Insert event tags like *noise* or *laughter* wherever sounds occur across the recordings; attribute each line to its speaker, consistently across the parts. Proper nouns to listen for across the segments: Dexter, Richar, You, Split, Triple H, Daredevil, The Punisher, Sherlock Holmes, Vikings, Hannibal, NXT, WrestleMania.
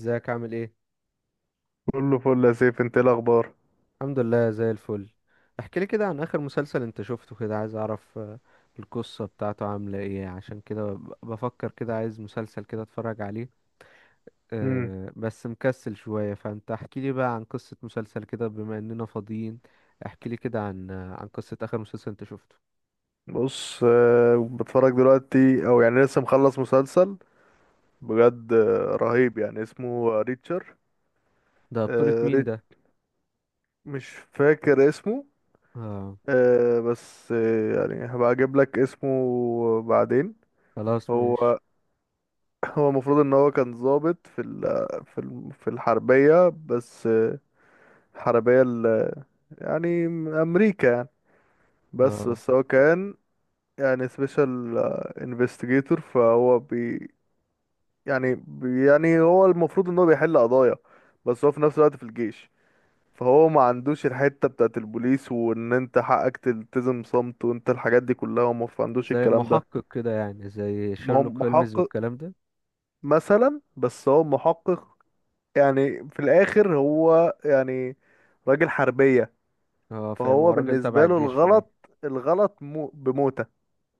Speaker 1: ازيك عامل ايه؟
Speaker 2: كله فل يا سيف، انت ايه الاخبار؟
Speaker 1: الحمد لله زي الفل. احكي لي كده عن اخر مسلسل انت شفته، كده عايز اعرف القصة بتاعته عاملة ايه. عشان كده بفكر كده، عايز مسلسل كده اتفرج عليه.
Speaker 2: امم
Speaker 1: أه بس مكسل شوية، فانت احكي لي بقى عن قصة مسلسل كده بما اننا فاضيين. احكي لي كده عن عن قصة اخر مسلسل انت شفته.
Speaker 2: بص، بتفرج دلوقتي او يعني لسه مخلص مسلسل بجد، رهيب يعني. اسمه ريتشر.
Speaker 1: ده بطولة
Speaker 2: آه،
Speaker 1: مين
Speaker 2: ريت
Speaker 1: ده؟
Speaker 2: مش فاكر اسمه.
Speaker 1: اه،
Speaker 2: بس يعني هبقى اجيب لك اسمه بعدين.
Speaker 1: خلاص ماشي.
Speaker 2: هو *laughs* هو المفروض ان هو كان ضابط في ال في الحربية، بس آه، الحربية ال- يعني امريكا يعني. بس
Speaker 1: اه،
Speaker 2: بس هو كان يعني سبيشال انفستيجيتور، فهو بي يعني يعني هو المفروض ان هو بيحل قضايا، بس هو في نفس الوقت في الجيش، فهو ما عندوش الحتة بتاعت البوليس، وان انت حقك تلتزم صمت، وانت الحاجات دي كلها هو ما عندوش
Speaker 1: زي
Speaker 2: الكلام ده.
Speaker 1: محقق كده يعني، زي
Speaker 2: ما هو
Speaker 1: شيرلوك هولمز
Speaker 2: محقق
Speaker 1: والكلام ده.
Speaker 2: مثلا، بس هو محقق يعني في الاخر هو يعني راجل حربية.
Speaker 1: اه فاهم، هو
Speaker 2: فهو
Speaker 1: راجل تبع
Speaker 2: بالنسبة له
Speaker 1: الجيش في الاخر.
Speaker 2: الغلط مو بموتة.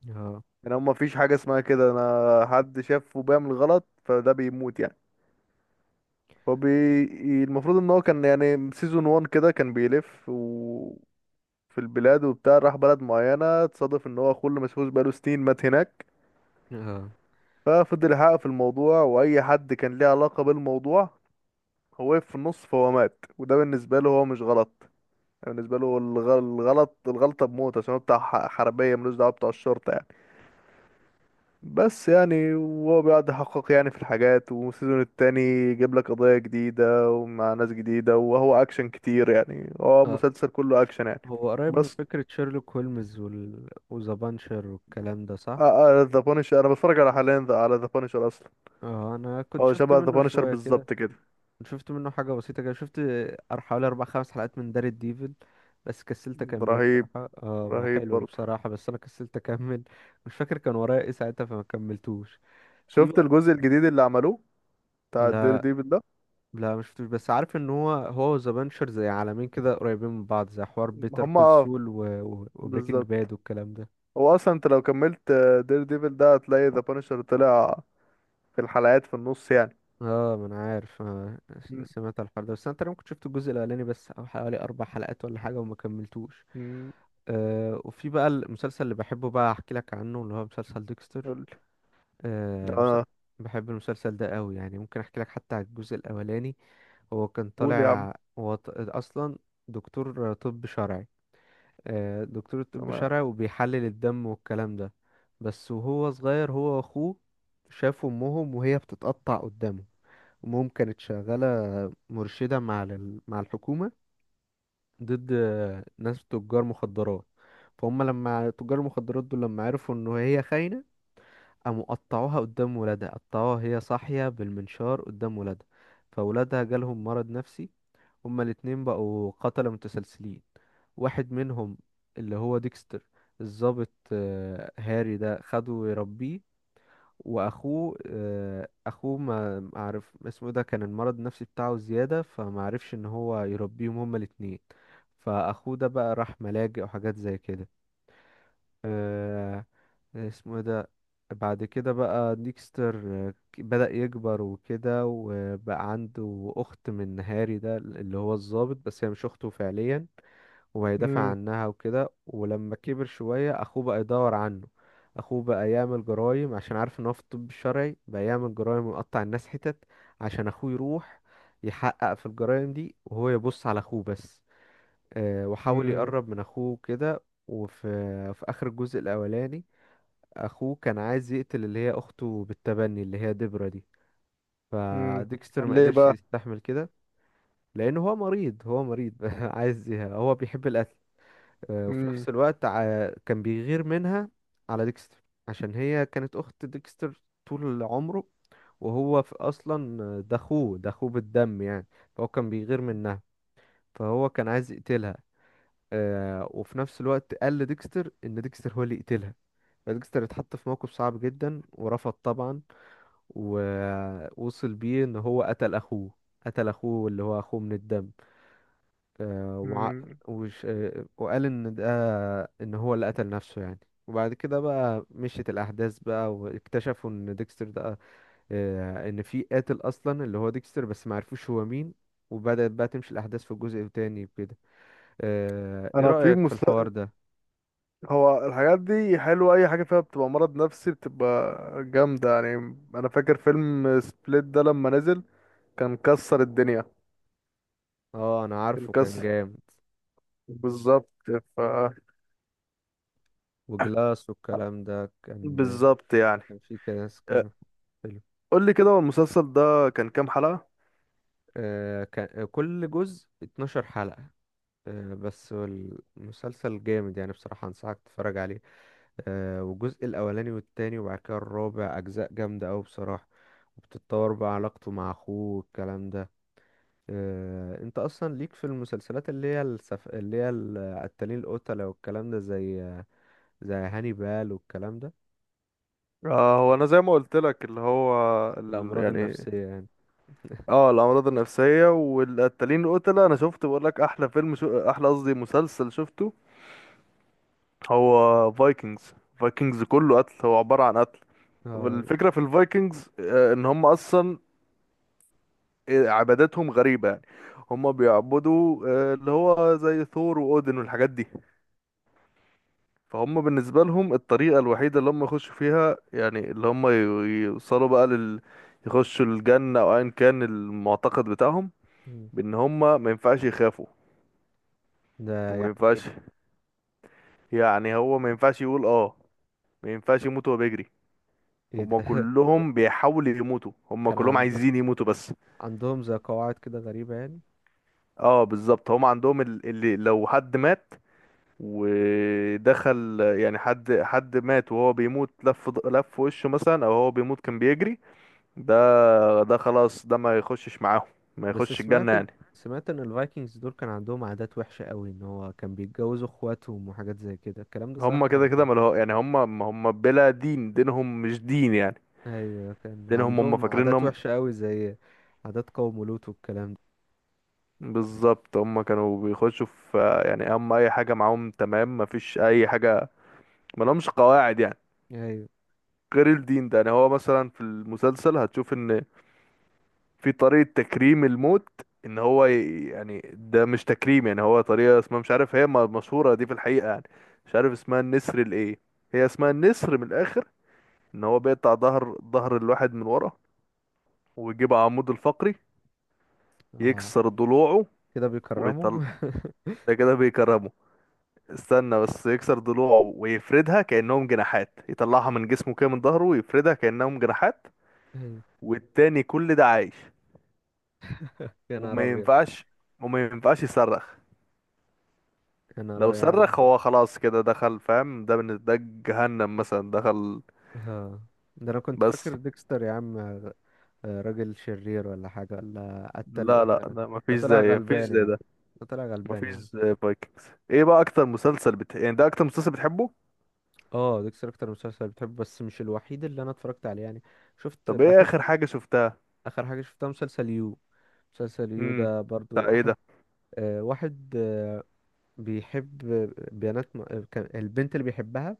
Speaker 1: اه.
Speaker 2: يعني هو مفيش حاجة اسمها كده، انا حد شافه بيعمل غلط فده بيموت يعني. هو بي... المفروض ان هو كان يعني سيزون 1 كده كان بيلف في البلاد وبتاع، راح بلد معينة اتصادف ان هو اخوه اللي مسحوش بقاله سنين مات هناك.
Speaker 1: اه.
Speaker 2: ففضل يحقق في الموضوع، واي حد كان ليه علاقة بالموضوع هو وقف في النص فهو مات، وده بالنسبة له هو مش غلط. يعني بالنسبة له الغلطة بموت، عشان هو بتاع حربية، ملوش دعوة بتاع الشرطة يعني. بس يعني وهو بيقعد يحقق يعني في الحاجات، والسيزون التاني يجيب لك قضايا جديدة ومع ناس جديدة، وهو أكشن كتير يعني، هو
Speaker 1: اه،
Speaker 2: مسلسل كله أكشن يعني.
Speaker 1: هو قريب من
Speaker 2: بس
Speaker 1: فكرة شيرلوك هولمز وذا بانشر والكلام ده، صح؟
Speaker 2: ذا بانشر أنا بتفرج على حاليا، على ذا بانشر أصلا.
Speaker 1: اه انا كنت
Speaker 2: هو
Speaker 1: شفت
Speaker 2: شبه ذا
Speaker 1: منه
Speaker 2: بانشر
Speaker 1: شوية كده،
Speaker 2: بالظبط كده.
Speaker 1: كنت شفت منه حاجة بسيطة كده، شفت حوالي اربع خمس حلقات من دار الديفل، بس كسلت اكمله
Speaker 2: رهيب،
Speaker 1: بصراحة. اه هو
Speaker 2: رهيب
Speaker 1: حلو
Speaker 2: برضه.
Speaker 1: بصراحة، بس انا كسلت اكمل *laughs* مش فاكر كان ورايا ايه ساعتها فما كملتوش. في
Speaker 2: شفت
Speaker 1: بقى؟
Speaker 2: الجزء الجديد اللي عملوه بتاع الدير
Speaker 1: لا،
Speaker 2: ديفل ده؟
Speaker 1: لا مش شفتوش، بس عارف ان هو وذا بانشر زي عالمين كده قريبين من بعض، زي حوار بيتر
Speaker 2: هما،
Speaker 1: كول
Speaker 2: اه،
Speaker 1: سول وبريكنج
Speaker 2: بالظبط.
Speaker 1: باد والكلام ده.
Speaker 2: هو أصلا أنت لو كملت دير ديفل ده هتلاقي ذا بانشر طلع في الحلقات في النص يعني.
Speaker 1: اه ما انا عارف
Speaker 2: م-
Speaker 1: سمعت على الحوار ده، بس انا تقريبا كنت شفت الجزء الاولاني بس، او حوالي اربع حلقات ولا حاجه وما كملتوش.
Speaker 2: م-
Speaker 1: آه وفي بقى المسلسل اللي بحبه، بقى احكي لك عنه، اللي هو مسلسل ديكستر.
Speaker 2: قولي.
Speaker 1: آه مس...
Speaker 2: اه،
Speaker 1: بحب المسلسل ده قوي يعني، ممكن احكي لك حتى على الجزء الاولاني. هو كان
Speaker 2: قول يا عم.
Speaker 1: طالع، اصلا دكتور طب شرعي. آه دكتور طب
Speaker 2: تمام.
Speaker 1: شرعي وبيحلل الدم والكلام ده. بس وهو صغير، هو واخوه شافوا امهم وهي بتتقطع قدامه. ومهم كانت شغالة مرشدة مع مع الحكومة، ضد ناس تجار مخدرات. فهم لما تجار المخدرات دول لما عرفوا إن هي خاينة، قاموا قطعوها قدام ولادها، قطعوها هي صاحية بالمنشار قدام ولادها. فولادها جالهم مرض نفسي، هما الاتنين بقوا قتلة متسلسلين. واحد منهم اللي هو ديكستر، الضابط هاري ده خده يربيه. واخوه اخوه ما عرف اسمه، ده كان المرض النفسي بتاعه زيادة فما عرفش ان هو يربيهم هما الاتنين. فاخوه ده بقى راح ملاجئ وحاجات زي كده. آه، اسمه إيه ده؟ بعد كده بقى ديكستر، بدأ يكبر وكده، وبقى عنده أخت من هاري ده اللي هو الضابط، بس هي مش أخته فعليا. وهيدافع
Speaker 2: امم
Speaker 1: عنها وكده، ولما كبر شوية أخوه بقى يدور عنه. أخوه بقى يعمل جرايم، عشان عارف إن هو في الطب الشرعي، بقى يعمل جرايم ويقطع الناس حتت عشان أخوه يروح يحقق في الجرايم دي وهو يبص على أخوه بس. وحاول
Speaker 2: امم
Speaker 1: يقرب من أخوه كده. وفي في آخر الجزء الأولاني، أخوه كان عايز يقتل اللي هي أخته بالتبني اللي هي ديبرا دي.
Speaker 2: امم
Speaker 1: فديكستر ما
Speaker 2: ليه
Speaker 1: قدرش
Speaker 2: بقى؟
Speaker 1: يستحمل كده، لأنه هو مريض، هو مريض *laughs* عايز، هو بيحب القتل. وفي
Speaker 2: امم
Speaker 1: نفس الوقت كان بيغير منها على ديكستر، عشان هي كانت أخت ديكستر طول عمره، وهو في أصلا ده أخوه، ده أخوه بالدم يعني. فهو كان بيغير منها، فهو كان عايز يقتلها. وفي نفس الوقت قال لديكستر إن ديكستر هو اللي يقتلها. فديكستر اتحط في موقف صعب جدا ورفض طبعا. ووصل بيه إن هو قتل أخوه، قتل أخوه اللي هو أخوه من الدم. آه، وع...
Speaker 2: امم
Speaker 1: وش... آه، وقال ان ده، ان هو اللي قتل نفسه يعني. وبعد كده بقى مشيت الاحداث بقى، واكتشفوا ان ديكستر ده، ان في قاتل اصلا اللي هو ديكستر بس ما عرفوش هو مين. وبدأت بقى تمشي الاحداث في جزء تاني كده. آه، ايه
Speaker 2: انا
Speaker 1: رأيك في الحوار ده؟
Speaker 2: هو الحاجات دي حلوه، اي حاجه فيها بتبقى مرض نفسي بتبقى جامده يعني. انا فاكر فيلم سبليت ده لما نزل كان كسر الدنيا،
Speaker 1: اه انا
Speaker 2: كان
Speaker 1: عارفه كان
Speaker 2: كسر،
Speaker 1: جامد.
Speaker 2: بالظبط. ف
Speaker 1: وجلاس والكلام ده كان،
Speaker 2: بالظبط يعني.
Speaker 1: كان في كاس،
Speaker 2: أه،
Speaker 1: كان حلو.
Speaker 2: قول لي كده، هو المسلسل ده كان كام حلقه؟
Speaker 1: آه، كان كل جزء 12 حلقة. آه، بس هو المسلسل جامد يعني بصراحة، أنصحك تتفرج عليه. آه، والجزء الأولاني والتاني وبعد كده الرابع، أجزاء جامدة أوي بصراحة. وبتتطور بقى علاقته مع أخوه والكلام ده. آه، أنت أصلا ليك في المسلسلات اللي هي اللي هي القتالين القتلة والكلام ده، زي زي هانيبال والكلام ده،
Speaker 2: آه، هو انا زي ما قلت لك اللي هو ال...
Speaker 1: الأمراض
Speaker 2: يعني
Speaker 1: النفسية يعني.
Speaker 2: اه، الامراض النفسيه والقتالين القتله انا شفت، بقول لك احلى فيلم، شو احلى قصدي مسلسل شفته، هو فايكنجز. فايكنجز كله قتل، هو عباره عن قتل.
Speaker 1: اه.
Speaker 2: والفكره في الفايكنجز، ان هم اصلا عباداتهم غريبه يعني. هم بيعبدوا اللي هو زي ثور واودن والحاجات دي. فهم بالنسبه لهم الطريقه الوحيده اللي هم يخشوا فيها يعني اللي هم ي- يوصلوا بقى لل يخشوا الجنه او ايا كان المعتقد بتاعهم،
Speaker 1: مم.
Speaker 2: بان هم ما ينفعش يخافوا
Speaker 1: ده
Speaker 2: وما
Speaker 1: يعني
Speaker 2: ينفعش،
Speaker 1: ايه؟
Speaker 2: يعني هو ما ينفعش يقول اه، ما ينفعش يموت وهو بيجري.
Speaker 1: إيه
Speaker 2: هما
Speaker 1: ده؟ *laughs*
Speaker 2: كلهم بيحاولوا يموتوا، هما
Speaker 1: كان
Speaker 2: كلهم عايزين يموتوا بس.
Speaker 1: عندهم زي قواعد كده غريبة يعني.
Speaker 2: اه بالظبط، هما عندهم اللي لو حد مات ودخل يعني، حد مات وهو بيموت لف لف وشه مثلا، او هو بيموت كان بيجري، ده ده خلاص ده ما يخشش معاهم، ما
Speaker 1: بس
Speaker 2: يخش الجنة
Speaker 1: سمعت
Speaker 2: يعني.
Speaker 1: سمعت ان الفايكنجز دول كان عندهم عادات وحشة قوي، ان هو كان بيتجوزوا اخواتهم وحاجات زي كده، الكلام ده
Speaker 2: هما
Speaker 1: صح
Speaker 2: كده
Speaker 1: ولا
Speaker 2: كده
Speaker 1: إيه؟
Speaker 2: ملهو يعني، هما بلا دين، دينهم مش دين يعني،
Speaker 1: ايوه كان
Speaker 2: دينهم هما
Speaker 1: عندهم عادات
Speaker 2: فاكرين.
Speaker 1: وحشة قوي، زي عادات قوم لوط والكلام ده.
Speaker 2: بالظبط، هم كانوا بيخشوا في، يعني هم اي حاجه معاهم تمام، مفيش اي حاجه، ما لهمش قواعد يعني
Speaker 1: ايوه.
Speaker 2: غير الدين ده. يعني هو مثلا في المسلسل هتشوف ان في طريقه تكريم الموت، ان هو يعني ده مش تكريم يعني، هو طريقه اسمها، مش عارف هي مشهوره دي في الحقيقه يعني، مش عارف اسمها النسر الايه، هي اسمها النسر من الاخر، ان هو بيقطع ظهر الواحد من ورا، ويجيب عمود الفقري،
Speaker 1: اه
Speaker 2: يكسر ضلوعه
Speaker 1: كده بيكرموا؟
Speaker 2: ويطلع.
Speaker 1: *laughs*
Speaker 2: ده كده بيكرمه. استنى بس، يكسر ضلوعه ويفردها كأنهم جناحات، يطلعها من جسمه كده من ظهره ويفردها كأنهم جناحات،
Speaker 1: ايوه.
Speaker 2: والتاني كل ده عايش.
Speaker 1: يا نهار
Speaker 2: وما
Speaker 1: ابيض.
Speaker 2: ينفعش، وما ينفعش يصرخ،
Speaker 1: يا نهار
Speaker 2: لو
Speaker 1: ابيض يا
Speaker 2: صرخ
Speaker 1: عم.
Speaker 2: هو خلاص كده دخل، فاهم، ده من ده جهنم مثلا دخل.
Speaker 1: اه ده انا كنت
Speaker 2: بس
Speaker 1: فاكر ديكستر يا عم، راجل شرير ولا حاجة ولا قتل
Speaker 2: لا لا
Speaker 1: قتلة.
Speaker 2: لا،
Speaker 1: ده
Speaker 2: مفيش
Speaker 1: طلع
Speaker 2: زي، مفيش
Speaker 1: غلبان يا
Speaker 2: زي
Speaker 1: عم،
Speaker 2: ده،
Speaker 1: ده طلع غلبان يا
Speaker 2: مفيش
Speaker 1: عم.
Speaker 2: زي فايكنجز. ايه بقى اكتر مسلسل بت... يعني ده اكتر مسلسل بتحبه؟
Speaker 1: اه ديكستر اكتر مسلسل بتحبه، بس مش الوحيد اللي انا اتفرجت عليه يعني. شفت،
Speaker 2: طب ايه
Speaker 1: بحب.
Speaker 2: اخر حاجة شفتها؟
Speaker 1: اخر حاجة شفتها مسلسل يو، مسلسل يو
Speaker 2: امم
Speaker 1: ده برضو.
Speaker 2: بتاع ايه
Speaker 1: واحد،
Speaker 2: ده؟
Speaker 1: آه واحد آه بيحب بنات م... آه، كان البنت اللي بيحبها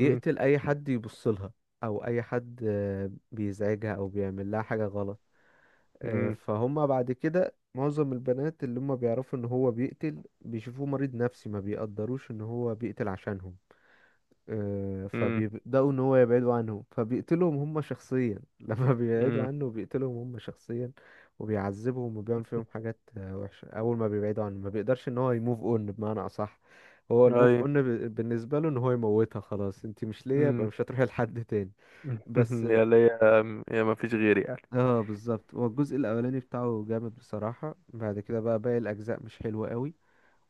Speaker 2: امم
Speaker 1: اي حد يبص لها، او اي حد آه بيزعجها او بيعمل لها حاجة غلط. آه
Speaker 2: امم
Speaker 1: فهم بعد كده معظم البنات اللي هم بيعرفوا ان هو بيقتل، بيشوفوه مريض نفسي، ما بيقدروش ان هو بيقتل عشانهم. آه،
Speaker 2: امم
Speaker 1: فبيبدأوا إن هو يبعدوا عنهم، فبيقتلهم هم شخصيا. *laughs* لما بيبعدوا
Speaker 2: امم
Speaker 1: عنه بيقتلهم هم شخصيا، وبيعذبهم وبيعمل فيهم حاجات وحشة، أول ما بيبعدوا عنه ما بيقدرش إن هو يموف أون بمعنى أصح. هو الموف
Speaker 2: اي
Speaker 1: أون بالنسبة له إن هو يموتها، خلاص أنت مش ليا يبقى مش هتروحي لحد تاني.
Speaker 2: *laughs*
Speaker 1: بس.
Speaker 2: يا ليا، يا ما فيش غيري يعني.
Speaker 1: اه بالظبط، هو الجزء الأولاني بتاعه جامد بصراحة، بعد كده بقى باقي الأجزاء مش حلوة قوي،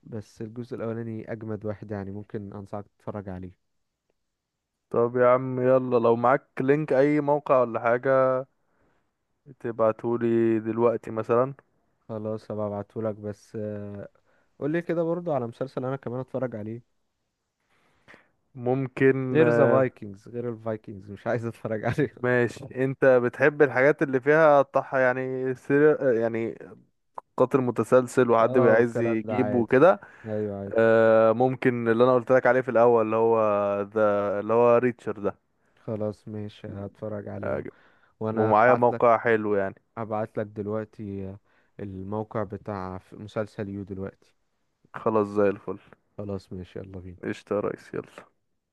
Speaker 1: بس الجزء الأولاني أجمد واحد يعني، ممكن أنصحك تتفرج عليه.
Speaker 2: طب يا عم يلا، لو معاك لينك اي موقع ولا حاجة تبعتهولي دلوقتي مثلا.
Speaker 1: خلاص هبقى ابعتهولك، بس قول لي كده برضو على مسلسل انا كمان اتفرج عليه،
Speaker 2: ممكن،
Speaker 1: غير ذا
Speaker 2: آه،
Speaker 1: فايكنجز، غير الفايكنجز مش عايز اتفرج عليه. *laughs*
Speaker 2: ماشي. انت بتحب الحاجات اللي فيها طح يعني، سير يعني قاتل متسلسل وحد
Speaker 1: اه
Speaker 2: بيبقى عايز
Speaker 1: والكلام ده
Speaker 2: يجيبه
Speaker 1: عادي،
Speaker 2: وكده؟
Speaker 1: ايوه عادي.
Speaker 2: آه، ممكن اللي انا قلت لك عليه في الاول اللي هو ذا اللي هو ريتشر ده.
Speaker 1: خلاص ماشي هتفرج عليه اهو.
Speaker 2: آه،
Speaker 1: وانا
Speaker 2: ومعايا
Speaker 1: ابعت لك،
Speaker 2: موقع حلو يعني.
Speaker 1: ابعت لك دلوقتي الموقع بتاع مسلسل يو دلوقتي.
Speaker 2: خلاص زي الفل،
Speaker 1: خلاص ماشي، يلا بينا.
Speaker 2: قشطة يا ريس، يلا.